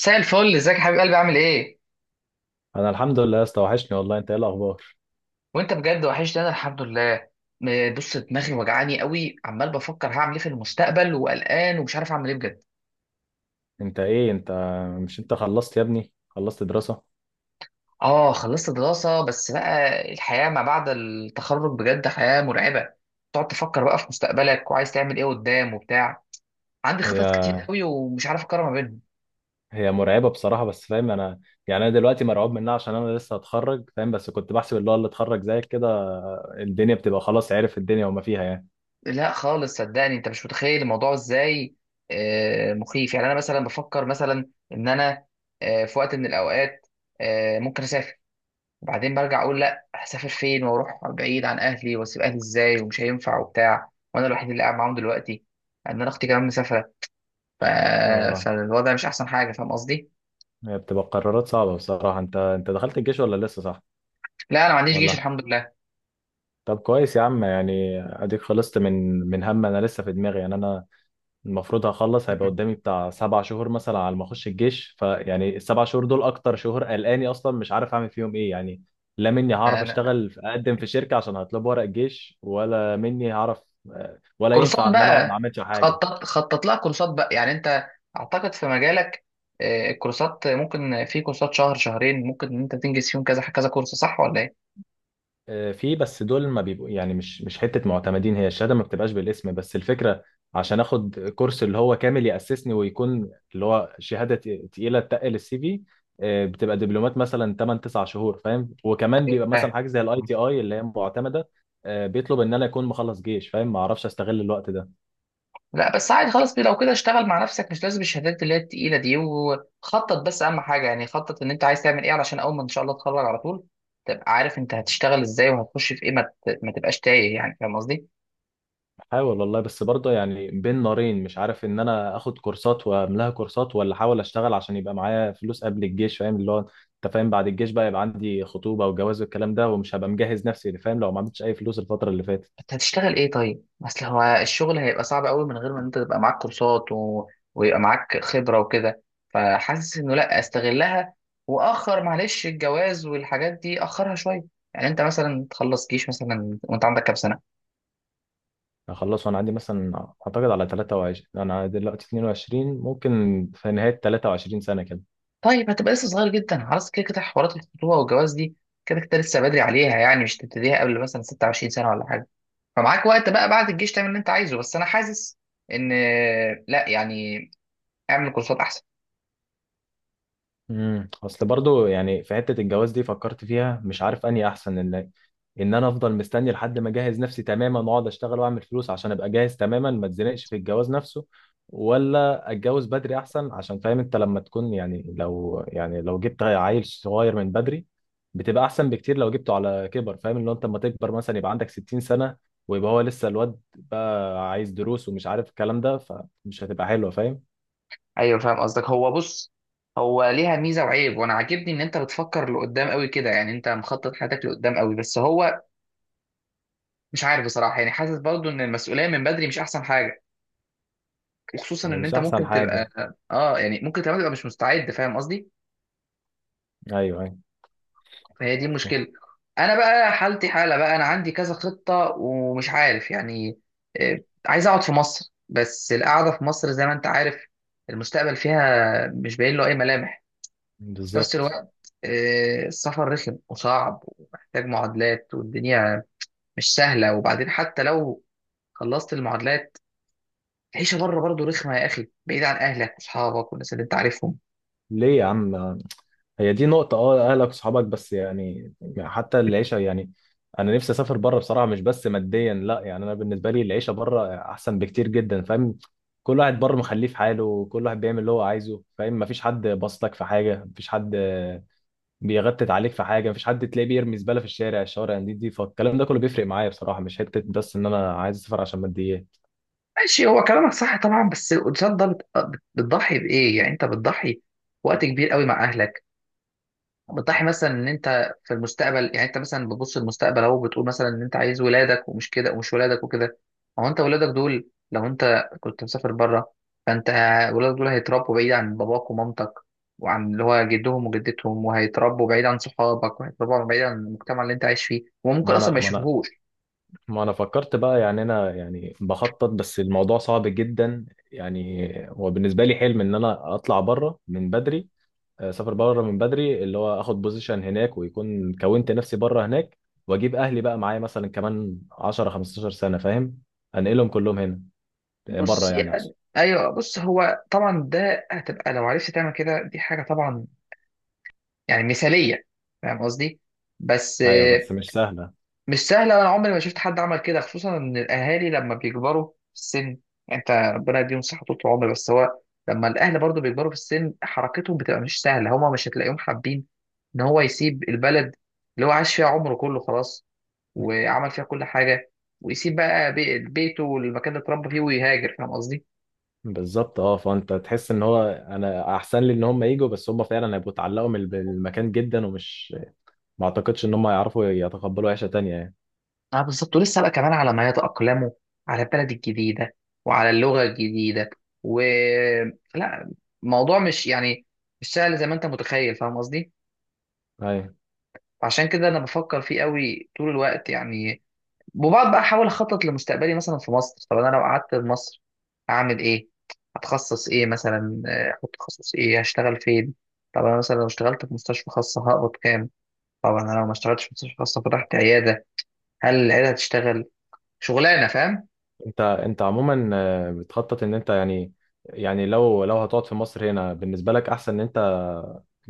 مساء الفل، ازيك يا حبيب قلبي؟ عامل ايه؟ انا الحمد لله يا اسطى، وحشني والله. انت ايه الاخبار؟ وانت بجد وحشني. انا الحمد لله. بص، دماغي وجعاني قوي، عمال بفكر هعمل ايه في المستقبل وقلقان ومش عارف اعمل ايه بجد. انت مش انت خلصت يا ابني خلصت دراسة؟ اه خلصت دراسة، بس بقى الحياة ما بعد التخرج بجد حياة مرعبة. تقعد تفكر بقى في مستقبلك وعايز تعمل ايه قدام وبتاع. عندي هي خطط كتير قوي ومش عارف اقرر ما بينهم. هي مرعبة بصراحة، بس فاهم انا. يعني انا دلوقتي مرعوب منها عشان انا لسه هتخرج، فاهم. بس كنت بحسب اللي هو اللي اتخرج زيك كده الدنيا بتبقى خلاص، عارف الدنيا وما فيها يعني. لا خالص، صدقني انت مش متخيل الموضوع ازاي. مخيف. يعني انا مثلا بفكر مثلا ان انا في وقت من الاوقات ممكن اسافر، وبعدين برجع اقول لا، هسافر فين واروح بعيد عن اهلي واسيب اهلي ازاي؟ ومش هينفع وبتاع، وانا الوحيد اللي قاعد معاهم دلوقتي. ان انا اختي كمان مسافره. ف... اه، فالوضع مش احسن حاجه، فاهم قصدي؟ هي بتبقى قرارات صعبة بصراحة. انت دخلت الجيش ولا لسه، صح؟ لا انا ما عنديش جيش ولا الحمد لله. طب كويس يا عم، يعني اديك خلصت من هم. انا لسه في دماغي يعني انا المفروض هخلص، هيبقى م- قدامي بتاع 7 شهور مثلا على ما اخش الجيش، فيعني ال 7 شهور دول اكتر شهور قلقاني، اصلا مش عارف اعمل فيهم ايه يعني. لا، مني هعرف أنا... اشتغل اقدم في شركه عشان هطلب ورق الجيش، ولا مني هعرف ولا ينفع كورسات ان انا اقعد ما بقى. اعملش حاجه؟ خطط خطط لها كورسات بقى. يعني انت، اعتقد في مجالك، الكورسات ممكن، في كورسات شهر شهرين ممكن ان انت تنجز فيهم كذا كذا كورس، صح ولا ايه؟ في، بس دول ما بيبقوا يعني مش حته معتمدين، هي الشهاده ما بتبقاش بالاسم بس الفكره عشان اخد كورس اللي هو كامل ياسسني ويكون اللي هو شهاده تقيله، تقل السي في. بتبقى دبلومات مثلا 8 9 شهور فاهم، وكمان بيبقى مثلا أيوة. حاجه زي الاي تي اي اللي هي معتمده. بيطلب ان انا اكون مخلص جيش، فاهم. ما اعرفش استغل الوقت ده، لا بس عادي خلاص، لو كده اشتغل مع نفسك، مش لازم الشهادات اللي هي التقيلة دي، وخطط بس، أهم حاجة يعني خطط إن أنت عايز تعمل إيه علشان أول ما إن شاء الله تتخرج على طول تبقى عارف أنت هتشتغل إزاي وهتخش في إيه، ما تبقاش تايه، يعني فاهم قصدي؟ حاول والله. بس برضه يعني بين نارين، مش عارف ان انا اخد كورسات واملاها كورسات، ولا احاول اشتغل عشان يبقى معايا فلوس قبل الجيش، فاهم اللي هو انت فاهم بعد الجيش بقى يبقى عندي خطوبه وجواز والكلام ده، ومش هبقى مجهز نفسي اللي فاهم لو ما عملتش اي فلوس الفتره اللي فاتت. أنت هتشتغل إيه طيب؟ أصل هو الشغل هيبقى صعب أوي من غير ما أنت تبقى معاك كورسات ويبقى معاك خبرة وكده. فحاسس إنه لا، أستغلها، وأخر معلش الجواز والحاجات دي أخرها شوية. يعني أنت مثلا تخلص جيش مثلا وأنت عندك كام سنة؟ هخلص وانا عندي مثلا اعتقد على 23، انا دلوقتي 22، ممكن في نهايه 23 سنه كده. طيب هتبقى لسه صغير جدا، خلاص كده كده حوارات الخطوبه والجواز دي كده كده لسه بدري عليها. يعني مش تبتديها قبل مثلا 26 سنه ولا حاجه، فمعاك وقت بقى بعد الجيش تعمل اللي انت عايزه. بس انا حاسس ان، لا يعني، اعمل كورسات احسن. امم، اصل برضو يعني في حته الجواز دي فكرت فيها، مش عارف اني احسن ان انا افضل مستني لحد ما اجهز نفسي تماما واقعد اشتغل واعمل فلوس عشان ابقى جاهز تماما ما اتزنقش في الجواز نفسه، ولا اتجوز بدري احسن؟ عشان فاهم انت لما تكون يعني لو جبت عيل صغير من بدري بتبقى احسن بكتير لو جبته على كبر، فاهم اللي هو انت لما تكبر مثلا يبقى عندك 60 سنه، ويبقى هو لسه الواد بقى عايز دروس ومش عارف الكلام ده فمش هتبقى حلوه، فاهم. ايوه فاهم قصدك. هو بص، هو ليها ميزه وعيب، وانا عاجبني ان انت بتفكر لقدام قوي كده، يعني انت مخطط حياتك لقدام قوي. بس هو مش عارف بصراحه، يعني حاسس برضو ان المسؤوليه من بدري مش احسن حاجه، وخصوصا يعني ان مش انت احسن ممكن حاجه. تبقى، اه يعني ممكن تبقى مش مستعد، فاهم قصدي؟ ايوه. فهي دي ايوه. المشكلة. أنا بقى حالتي حالة بقى، أنا عندي كذا خطة ومش عارف يعني. آه، عايز أقعد في مصر، بس القعدة في مصر، زي ما أنت عارف، المستقبل فيها مش باين له أي ملامح. في نفس بالظبط. الوقت السفر رخم وصعب ومحتاج معادلات، والدنيا مش سهلة. وبعدين حتى لو خلصت المعادلات، العيشة بره برضه رخمة يا أخي، بعيد عن أهلك وأصحابك والناس اللي أنت عارفهم. ليه يا عم؟ هي دي نقطة، اه، اهلك وصحابك بس يعني حتى العيشة يعني انا نفسي اسافر بره بصراحة، مش بس ماديا لا، يعني انا بالنسبة لي العيشة بره احسن بكتير جدا، فاهم. كل واحد بره مخليه في حاله وكل واحد بيعمل اللي هو عايزه، فاهم. مفيش حد باصلك في حاجة، مفيش حد بيغتت عليك في حاجة، مفيش حد تلاقيه بيرمي زبالة في الشارع. الشوارع دي فالكلام ده كله بيفرق معايا بصراحة، مش حتة بس ان انا عايز اسافر عشان ماديات. ماشي، هو كلامك صح طبعا، بس الانسان ده بتضحي بايه؟ يعني انت بتضحي وقت كبير قوي مع اهلك، بتضحي مثلا ان انت في المستقبل. يعني انت مثلا بتبص للمستقبل اهو، بتقول مثلا ان انت عايز ولادك ومش كده ومش ولادك وكده. هو انت ولادك دول، لو انت كنت مسافر بره، فانت ولادك دول هيتربوا بعيد عن باباك ومامتك وعن اللي هو جدهم وجدتهم، وهيتربوا بعيد عن صحابك، وهيتربوا بعيد عن المجتمع اللي انت عايش فيه، وممكن ما اصلا ما انا ما انا يشوفوهوش. ما انا فكرت بقى يعني انا يعني بخطط، بس الموضوع صعب جدا. يعني هو بالنسبه لي حلم ان انا اطلع بره من بدري، اسافر بره من بدري، اللي هو اخد بوزيشن هناك ويكون كونت نفسي بره هناك، واجيب اهلي بقى معايا مثلا كمان 10 15 سنه فاهم، انقلهم كلهم هنا، بره بص يعني يعني اقصد. ايوه، بص هو طبعا ده هتبقى، لو عرفت تعمل كده دي حاجه طبعا يعني مثاليه، فاهم قصدي؟ بس ايوه بس مش سهله. مش سهله، وانا عمري ما شفت حد عمل كده، خصوصا ان الاهالي لما بيكبروا في السن، يعني انت ربنا يديهم صحه طول العمر، بس هو لما الاهل برضو بيكبروا في السن حركتهم بتبقى مش سهله، هما مش هتلاقيهم حابين ان هو يسيب البلد اللي هو عاش فيها عمره كله خلاص وعمل فيها كل حاجه، ويسيب بقى بيته والمكان اللي اتربى فيه ويهاجر، فاهم قصدي؟ بالظبط اه. فانت تحس ان هو انا احسن لي ان هم يجوا، بس هم فعلا هيبقوا اتعلقوا بالمكان جدا، ومش ما اعتقدش ان هم يعرفوا يتقبلوا عيشه تانية يعني. اه بالظبط، ولسه بقى كمان على ما يتأقلموا على البلد الجديدة وعلى اللغة الجديدة و، لا، الموضوع مش يعني، مش سهل زي ما انت متخيل، فاهم قصدي؟ ايوه. عشان كده انا بفكر فيه قوي طول الوقت يعني. وبقعد بقى احاول اخطط لمستقبلي مثلا في مصر. طب انا لو قعدت في مصر اعمل ايه؟ هتخصص ايه مثلا؟ احط تخصص ايه؟ هشتغل فين؟ طب انا مثلا لو اشتغلت في مستشفى خاصة هقبض كام؟ طب انا لو ما اشتغلتش في مستشفى خاصة فتحت عيادة، هل العيادة هتشتغل؟ شغلانة، فاهم؟ انت عموما بتخطط ان انت يعني يعني لو هتقعد في مصر هنا بالنسبه لك احسن ان انت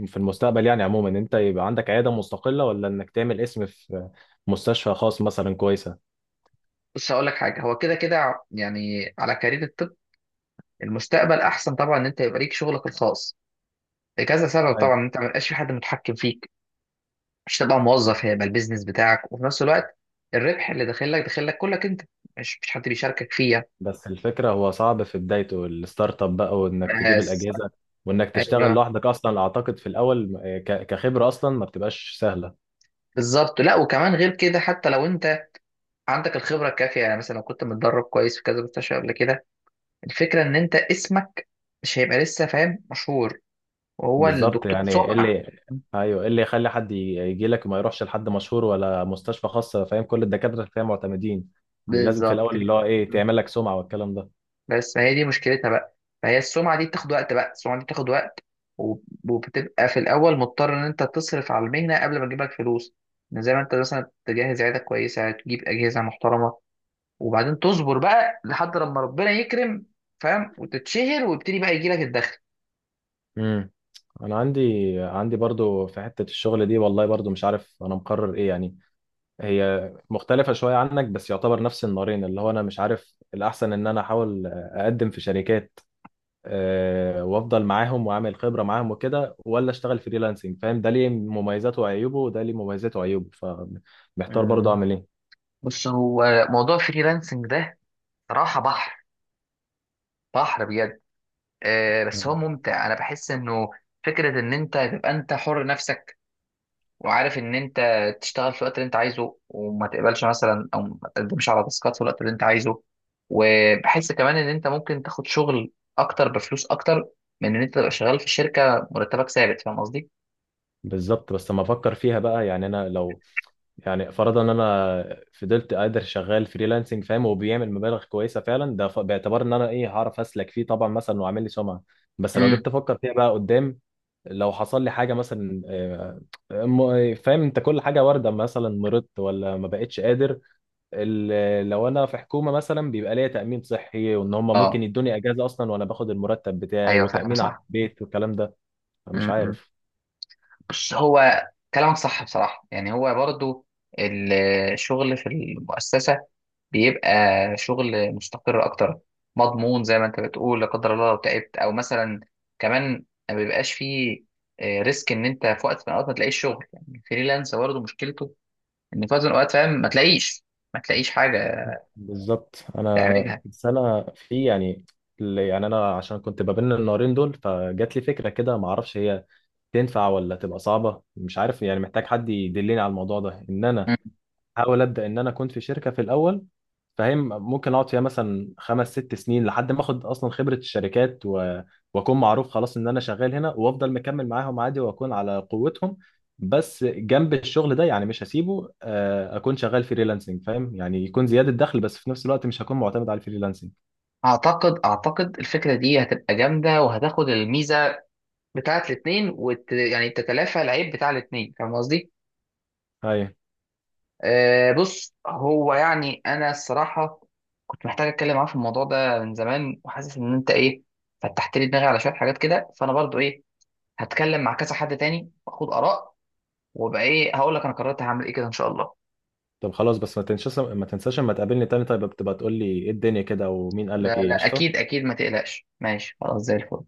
في المستقبل يعني عموما ان انت يبقى عندك عياده مستقله، ولا انك تعمل اسم في مستشفى خاص مثلا كويسه؟ بص هقول لك حاجه، هو كده كده يعني على كارير الطب المستقبل احسن طبعا ان انت يبقى ليك شغلك الخاص، لكذا سبب أي. طبعا. انت ما يبقاش في حد متحكم فيك، مش تبقى موظف، هيبقى البيزنس بتاعك، وفي نفس الوقت الربح اللي داخل لك داخل لك كلك انت، مش حد بيشاركك فيه. بس الفكره هو صعب في بدايته الستارت اب بقى، وانك تجيب بس الاجهزه وانك تشتغل ايوه لوحدك اصلا، اعتقد في الاول كخبره اصلا ما بتبقاش سهله. بالظبط. لا وكمان غير كده، حتى لو انت عندك الخبره الكافيه، يعني مثلا لو كنت متدرب كويس في كذا مستشفى قبل كده، الفكره ان انت اسمك مش هيبقى لسه فاهم مشهور، وهو بالظبط. الدكتور يعني ايه سمعه. اللي ايوه ايه اللي يخلي حد يجي لك وما يروحش لحد مشهور ولا مستشفى خاصه، فاهم كل الدكاتره اللي فيها معتمدين. دي لازم في بالظبط الاول كده. اللي هو ايه تعمل لك سمعه والكلام ده. بس ما هي دي مشكلتها بقى، فهي السمعة دي بتاخد وقت بقى، السمعة دي بتاخد وقت وب- وبتبقى في الأول مضطر إن أنت تصرف على المهنة قبل ما تجيب لك فلوس، إن زي ما أنت مثلا تجهز عيادة كويسة، تجيب أجهزة محترمة، وبعدين تصبر بقى لحد لما ربنا يكرم، فاهم؟ وتتشهر ويبتدي بقى يجي لك الدخل. امم. انا عندي برضو في حته الشغل دي والله، برضو مش عارف انا مقرر ايه يعني. هي مختلفه شويه عنك بس يعتبر نفس النارين، اللي هو انا مش عارف الاحسن ان انا احاول اقدم في شركات وافضل معاهم واعمل خبره معاهم وكده، ولا اشتغل فريلانسنج، فاهم. ده ليه مميزاته وعيوبه وده ليه مميزاته وعيوبه، فمحتار برضو أمم. اعمل ايه. بص، هو موضوع فريلانسنج ده صراحة بحر، بحر بجد. آه بس هو ممتع، أنا بحس إنه فكرة إن أنت تبقى أنت حر نفسك، وعارف ان انت تشتغل في الوقت اللي انت عايزه، وما تقبلش مثلا او ما تقدمش على تاسكات في الوقت اللي انت عايزه. وبحس كمان ان انت ممكن تاخد شغل اكتر بفلوس اكتر من ان انت تبقى شغال في شركه مرتبك ثابت، فاهم قصدي؟ بالظبط. بس لما افكر فيها بقى يعني انا لو، يعني فرضا ان انا فضلت قادر شغال فريلانسنج فاهم، وبيعمل مبالغ كويسه فعلا ده باعتبار ان انا ايه هعرف اسلك فيه طبعا مثلا واعمل لي سمعه. بس لو جيت امم. افكر فيها بقى قدام، لو حصل لي حاجه مثلا، فاهم انت كل حاجه وارده، مثلا مرضت ولا ما بقتش قادر. لو انا في حكومه مثلا بيبقى ليا تامين صحي، وان هم ممكن اه يدوني اجازه اصلا وانا باخد المرتب بتاعي ايوه فاهم وتامين على صح. البيت والكلام ده. مش امم. عارف. بس هو كلامك صح بصراحه، يعني هو برضو الشغل في المؤسسه بيبقى شغل مستقر اكتر، مضمون زي ما انت بتقول. لا قدر الله لو تعبت او مثلا، كمان ما بيبقاش فيه ريسك ان انت في وقت من الاوقات ما تلاقيش شغل. يعني الفريلانس برضه مشكلته ان في وقت من الاوقات، فاهم، ما تلاقيش حاجه بالظبط. انا تعملها. بس انا في يعني، يعني انا عشان كنت ما بين النارين دول فجات لي فكره كده، ما اعرفش هي تنفع ولا تبقى صعبه، مش عارف. يعني محتاج حد يدلني على الموضوع ده، ان انا مم. احاول ابدا ان انا كنت في شركه في الاول فاهم، ممكن اقعد فيها مثلا 5 6 سنين لحد ما اخد اصلا خبره الشركات واكون معروف خلاص ان انا شغال هنا، وافضل مكمل معاهم عادي واكون على قوتهم. بس جنب الشغل ده يعني مش هسيبه، اكون شغال فريلانسنج فاهم، يعني يكون زياده دخل بس في نفس الوقت مش هكون معتمد على الفريلانسنج. اعتقد الفكره دي هتبقى جامده، وهتاخد الميزه بتاعت الاتنين يعني تتلافى العيب بتاع الاتنين، فاهم قصدي؟ ايوه. بص هو يعني انا الصراحه كنت محتاج اتكلم معاه في الموضوع ده من زمان، وحاسس ان انت ايه فتحت لي دماغي على شويه حاجات كده. فانا برضو ايه، هتكلم مع كذا حد تاني واخد اراء، وابقى ايه هقول لك انا قررت هعمل ايه كده ان شاء الله. طب خلاص، بس ما تنساش لما تقابلني تاني طيب، بتبقى تقول لي ايه الدنيا كده، ومين قال لك لا ايه. لا اكيد قشطه. اكيد، ما تقلقش، ماشي خلاص زي الفل.